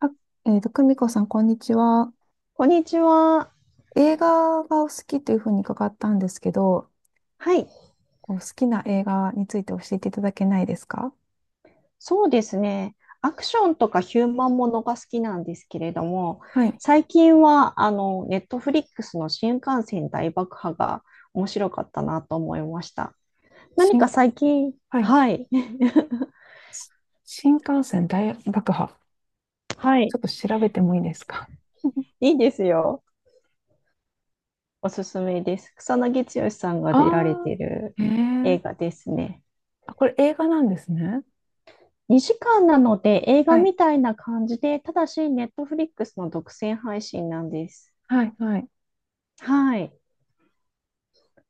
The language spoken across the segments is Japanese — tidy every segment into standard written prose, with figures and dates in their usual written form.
あ久美子さん、こんにちは。こんにちは。映画がお好きというふうに伺ったんですけど、はい。こう好きな映画について教えていただけないですか？そうですね。アクションとかヒューマンものが好きなんですけれども、はい。最近は、ネットフリックスの新幹線大爆破が面白かったなと思いました。何か新、最近、はい。はい。し新幹線大爆破。はちい。ょっと調べてもいいですか？ いいですよ。おすすめです。草なぎ剛さん が出られてあいるー、映ええ、画ですね。あ、これ映画なんですね。2時間なので映は画い。みたいな感じで、ただし、ネットフリックスの独占配信なんです。はい、はい。はい。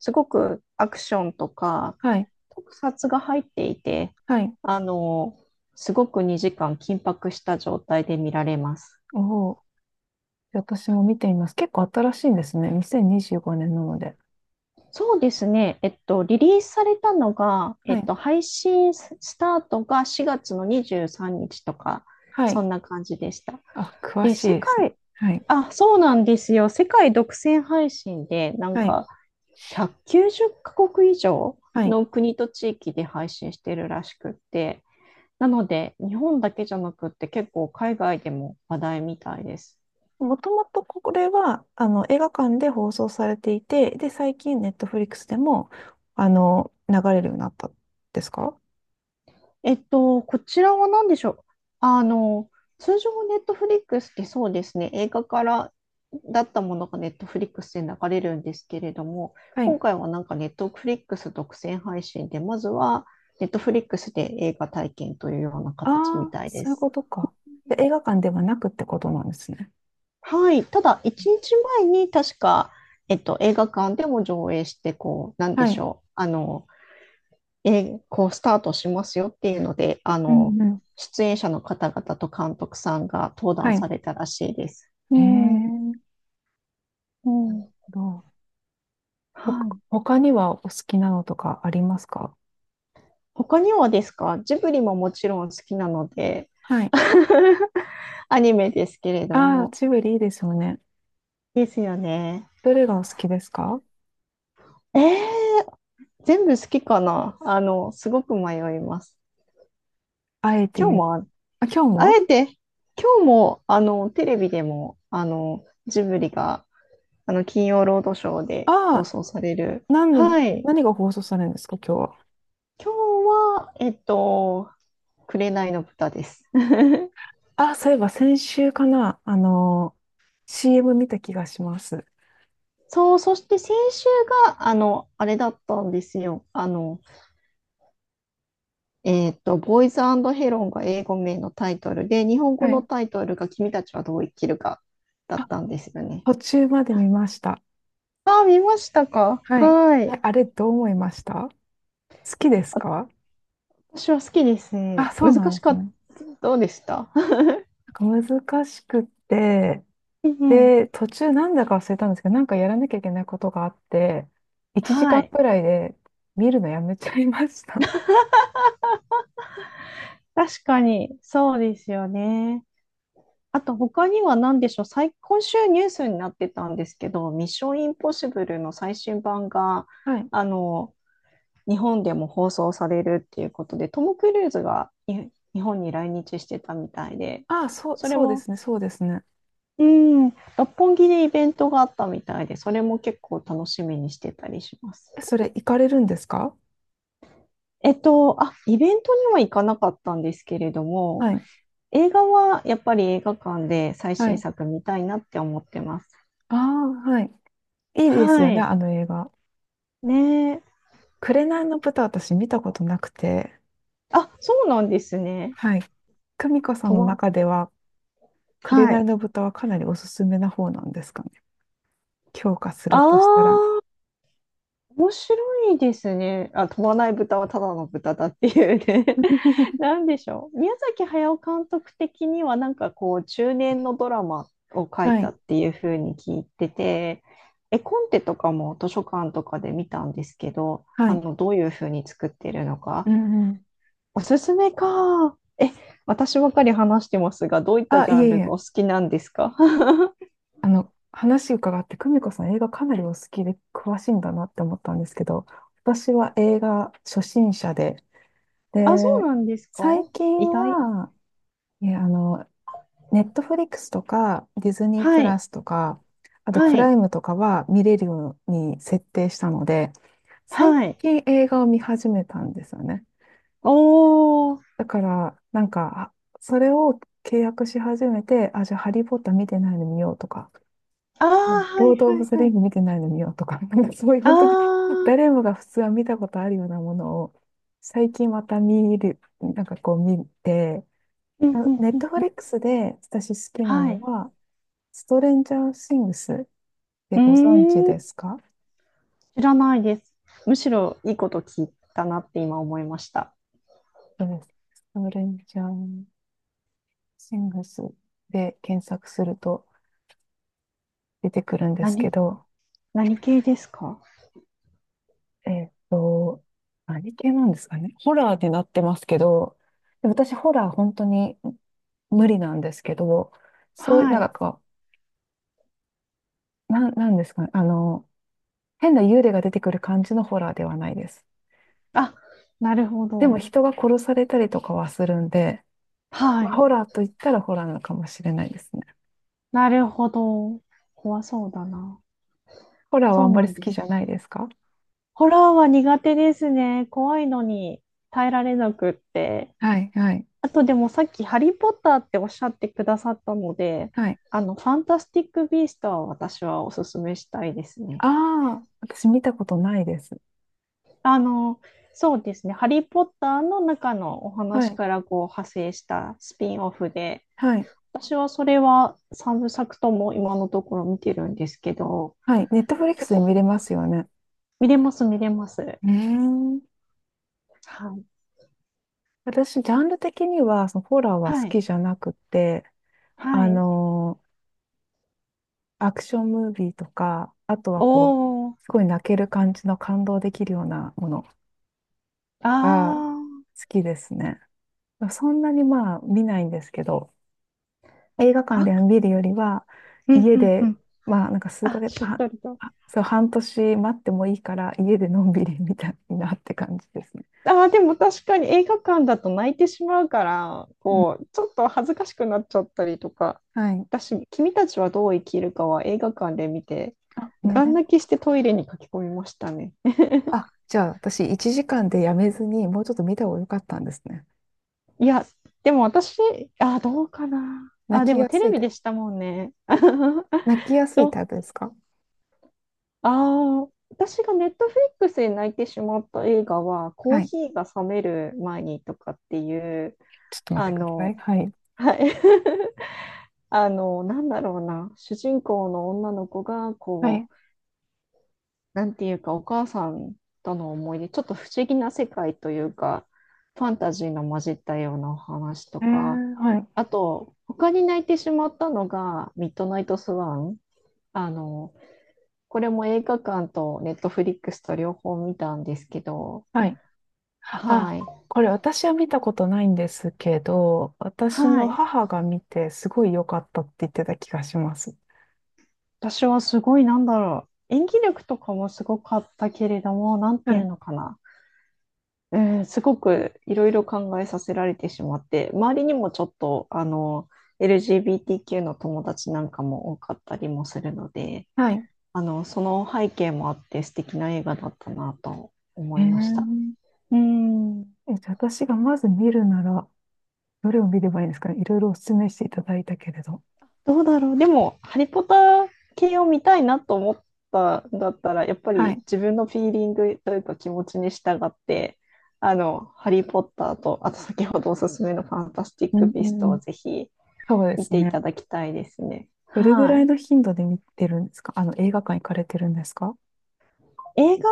すごくアクションとかはい。特撮が入っていて、はい。あの、すごく2時間緊迫した状態で見られます。おお。私も見ています。結構新しいんですね。2025年なので。そうですね。リリースされたのが、はい。配信スタートが4月の23日とか、はそい。んな感じでした。あ、詳で、しい世ですね。界、はい。あ、そうなんですよ。世界独占配信で、はい。190カ国以上はい。の国と地域で配信してるらしくって、なので、日本だけじゃなくって結構海外でも話題みたいです。もともとこれは、映画館で放送されていて、で、最近、ネットフリックスでも、流れるようになったんですか？こちらは何でしょう？あの、通常ネットフリックスってそうですね、映画からだったものがネットフリックスで流れるんですけれども、は今い。回はなんかネットフリックス独占配信で、まずはネットフリックスで映画体験というようなあ形みあ、たいでそういうす。ことか。で、映画館ではなくってことなんですね。はい。ただ、1日前に確か、映画館でも上映して、こう、なんではしい。ょう。こうスタートしますよっていうので、うんうん。出演者の方々と監督さんが登は壇い。されたらしいです。うへん、え、うん。どう。はい。他にはお好きなのとかありますか？他にはですか？ジブリももちろん好きなので、はい。アニメですけれどああ、も。ジブリいいですよね。ですよね。どれがお好きですか？えー、全部好きかな。あの、すごく迷います。あえて今日言う。もあ、あ、今日あも。えて、今日も、テレビでも、ジブリが、金曜ロードショーでああ放送される。ー、何、はい。何が放送されるんですか、今日は。今日は、紅の豚です。あ、そういえば先週かな、CM 見た気がします。そう、そして先週が、あれだったんですよ。ボーイズヘロンが英語名のタイトルで、日本語はのい。タイトルが君たちはどう生きるかだっあ、たんですよね。途中まで見ました。ああ、見ましたか？はい。はえ、い。あれどう思いました？好きですか？私は好きですね。あ、そう難なんしですかった。ね。どうでした？ なんか難しくって、うんうん、で、途中なんだか忘れたんですけど、なんかやらなきゃいけないことがあって、1時は間い。くらいで見るのやめちゃいました。確かに、そうですよね。あと他には何でしょう、今週ニュースになってたんですけど、ミッションインポッシブルの最新版が、はい。あの、日本でも放送されるっていうことで、トム・クルーズがに日本に来日してたみたいで、あ、そう、それそうでも、すね、そうですね。うん、六本木でイベントがあったみたいで、それも結構楽しみにしてたりします。え、それ行かれるんですか？イベントには行かなかったんですけれども、はい。映画はやっぱり映画館で最は新い。作見たいなって思ってます。ああ、はい。いいですはよね、い。あの映画。ねえ。紅の豚私見たことなくて、あ、そうなんですね。はい。久美子さん飛のば、中では、はい。紅の豚はかなりおすすめな方なんですかね。強化すあるとしたら。あ、面白いですね。あ、飛ばない豚はただの豚だっていうね。な んでしょう。宮崎駿監督的には、なんかこう、中年のドラマを書いはたい。っていうふうに聞いてて、絵コンテとかも図書館とかで見たんですけど、はい。どういうふうに作ってるのうか。んうん。おすすめか。私ばかり話してますが、どういったあ、ジいャえンいルがえ。お好きなんですか？話伺って、久美子さん映画かなりお好きで詳しいんだなって思ったんですけど、私は映画初心者で、で、あ、そうなんですか？最意近外。は、いや、ネットフリックスとか、ディズニープはラい。スとか、あとはプい。ライムとかは見れるように設定したので、最はい。近映画を見始めたんですよね。おー。だから、なんか、あ、それを契約し始めて、あ、じゃあ、ハリー・ポッター見てないの見ようとか、あうあ、ん、はローいド・オはブ・いザ・リはンい。グ見てないの見ようとか、なんかそういうあ本当にあ、誰もが普通は見たことあるようなものを、最近また見る、なんかこう見て、うんうんネッうトフリん。ックスで私好きなはのい。は、ストレンジャーシングスってうご存知ーん、ですか？知らないです。むしろいいこと聞いたなって今思いました。そうです。ストレンジャーシングスで検索すると出てくるんですけ何、ど、何系ですか？えっと、何系なんですかね。ホラーになってますけど、で私ホラー本当に無理なんですけど、そういう、はなんい。かこう、なんですかね。変な幽霊が出てくる感じのホラーではないです。あ、なるほでもど。人が殺されたりとかはするんで、はまあい。ホラーと言ったらホラーなのかもしれないですね。なるほど。怖そうだな。ホラーはそあうんまなりん好できすじゃね。ないですか？ホラーは苦手ですね。怖いのに耐えられなくって。はい、はい、あとでもさっきハリー・ポッターっておっしゃってくださったので、はい。ファンタスティック・ビーストは私はおすすめしたいですね。ああ、私見たことないです。あの、そうですね。ハリー・ポッターの中のおは話い、からこう派生したスピンオフで、はい、私はそれは3部作とも今のところ見てるんですけど、はい。ネットフリックス結で構、見れますよね。見れます、見れます。ねえ。はい。私、ジャンル的には、そのホラーは好はい。きじゃなくて、はあい。のーアクションムービーとか、あとはこう、おー。すごい泣ける感じの感動できるようなものあがー。好きですね。そんなにまあ見ないんですけど、映画館あ、で見るよりは、うん家うんうで、ん。まあ、なんか数ヶあ、月、しっあ、とりと。あ、そう、半年待ってもいいから、家でのんびりみたいなって感じですね。あー、でも確かに映画館だと泣いてしまうから、うん、こう、ちょっと恥ずかしくなっちゃったりとか、はい。私、君たちはどう生きるかは映画館で見て、あ、ガンね。泣きしてトイレに駆け込みましたね。あ、じゃあ、私、1時間でやめずに、もうちょっと見た方が良かったんですね。いや、でも私、あ、どうかな。泣あ、できもやテすレいビタイでプ、したもんね。泣きやすいと、タイプですか？ああ私がネットフリックスで泣いてしまった映画は、コはーい。ヒーが冷める前にとかっていう、ちょっと待っあてください。の、はい。はい。なんだろうな、主人公の女の子が、はこい。う、なんていうか、お母さんとの思い出、ちょっと不思議な世界というか、ファンタジーの混じったようなお話とか、はい。あと、他に泣いてしまったのが、ミッドナイトスワン。あの、これも映画館とネットフリックスと両方見たんですけど、はい。あ、はい。これ私は見たことないんですけど、私はのい。母が見てすごい良かったって言ってた気がします。私はすごい、なんだろう。演技力とかもすごかったけれども、なんはていうい。のかな。うん、すごくいろいろ考えさせられてしまって、周りにもちょっと、LGBTQ の友達なんかも多かったりもするので、はい。その背景もあって素敵な映画だったなとえ思いました。ー、うーん。え、じゃあ私がまず見るなら、どれを見ればいいですかね？いろいろお勧めしていただいたけれど。どうだろう。でも、ハリポタ系を見たいなと思ったんだったら、やっぱはりい。自分のフィーリングというか気持ちに従って、ハリー・ポッターと、あと先ほどおすすめのファンタスティッうク・ん、ビうーストをん。ぜひそうで見すていね。ただきたいですね。どれぐはらいい。の頻度で見てるんですか？映画館行かれてるんですか？映画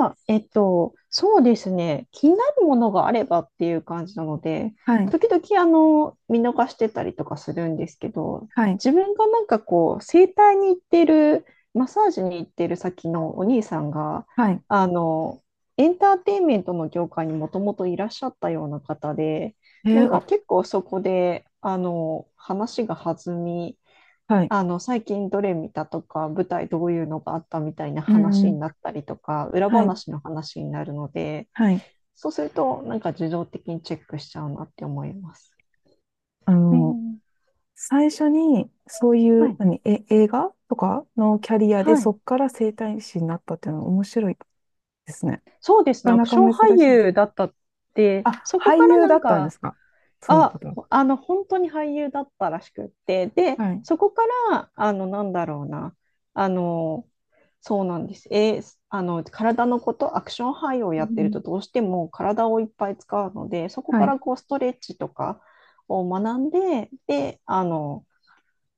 は、そうですね、気になるものがあればっていう感じなので、はい。時々あの見逃してたりとかするんですけど、はい。自分がなんかこう、整体に行ってる、マッサージに行ってる先のお兄さんが、はい。あの、エンターテインメントの業界にもともといらっしゃったような方で、なんかあ、結構そこで、話が弾み、はい。最近どれ見たとか、舞台どういうのがあったみたいなうん、う話にん。なったりとか、裏はい。話の話になるので、はい。そうすると、なんか自動的にチェックしちゃうなって思います。あうの、ん、最初に、そういはう、い、何、え、映画とかのキャリアで、はそい。っから整体師になったっていうのは面白いですね。そうですね、アなクかションなか珍俳しいです優ね。だったって、あ、そこか俳ら優なだんったんでか、すか、そのあ、方は。本当に俳優だったらしくって、で、はい。そこから、あの、なんだろうな、あの、そうなんです。体のこと、アクション俳優をうやってるん。と、どうしても体をいっぱい使うので、そこはからい。こう、ストレッチとかを学んで、で、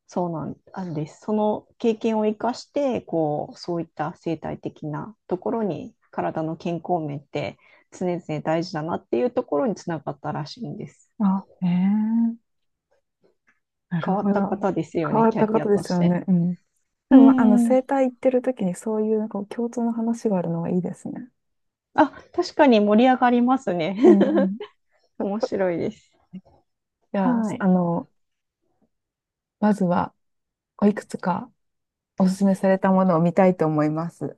そうなんです。その経験を生かして、こう、そういった生態的なところに、体の健康面って常々大事だなっていうところにつながったらしいんです。あ、ええ、なる変わっほたど。方ですよ変ね、わっキャたリア方でとすしよて。ね。うん。でうも、ん。整体行ってる時にそういう、こう、共通の話があるのはいいですね。あ、確かに盛り上がりますね。うんうん。面白いです。じゃあ、はい。まずは、おいくつかおすすめされたものを見たいと思います。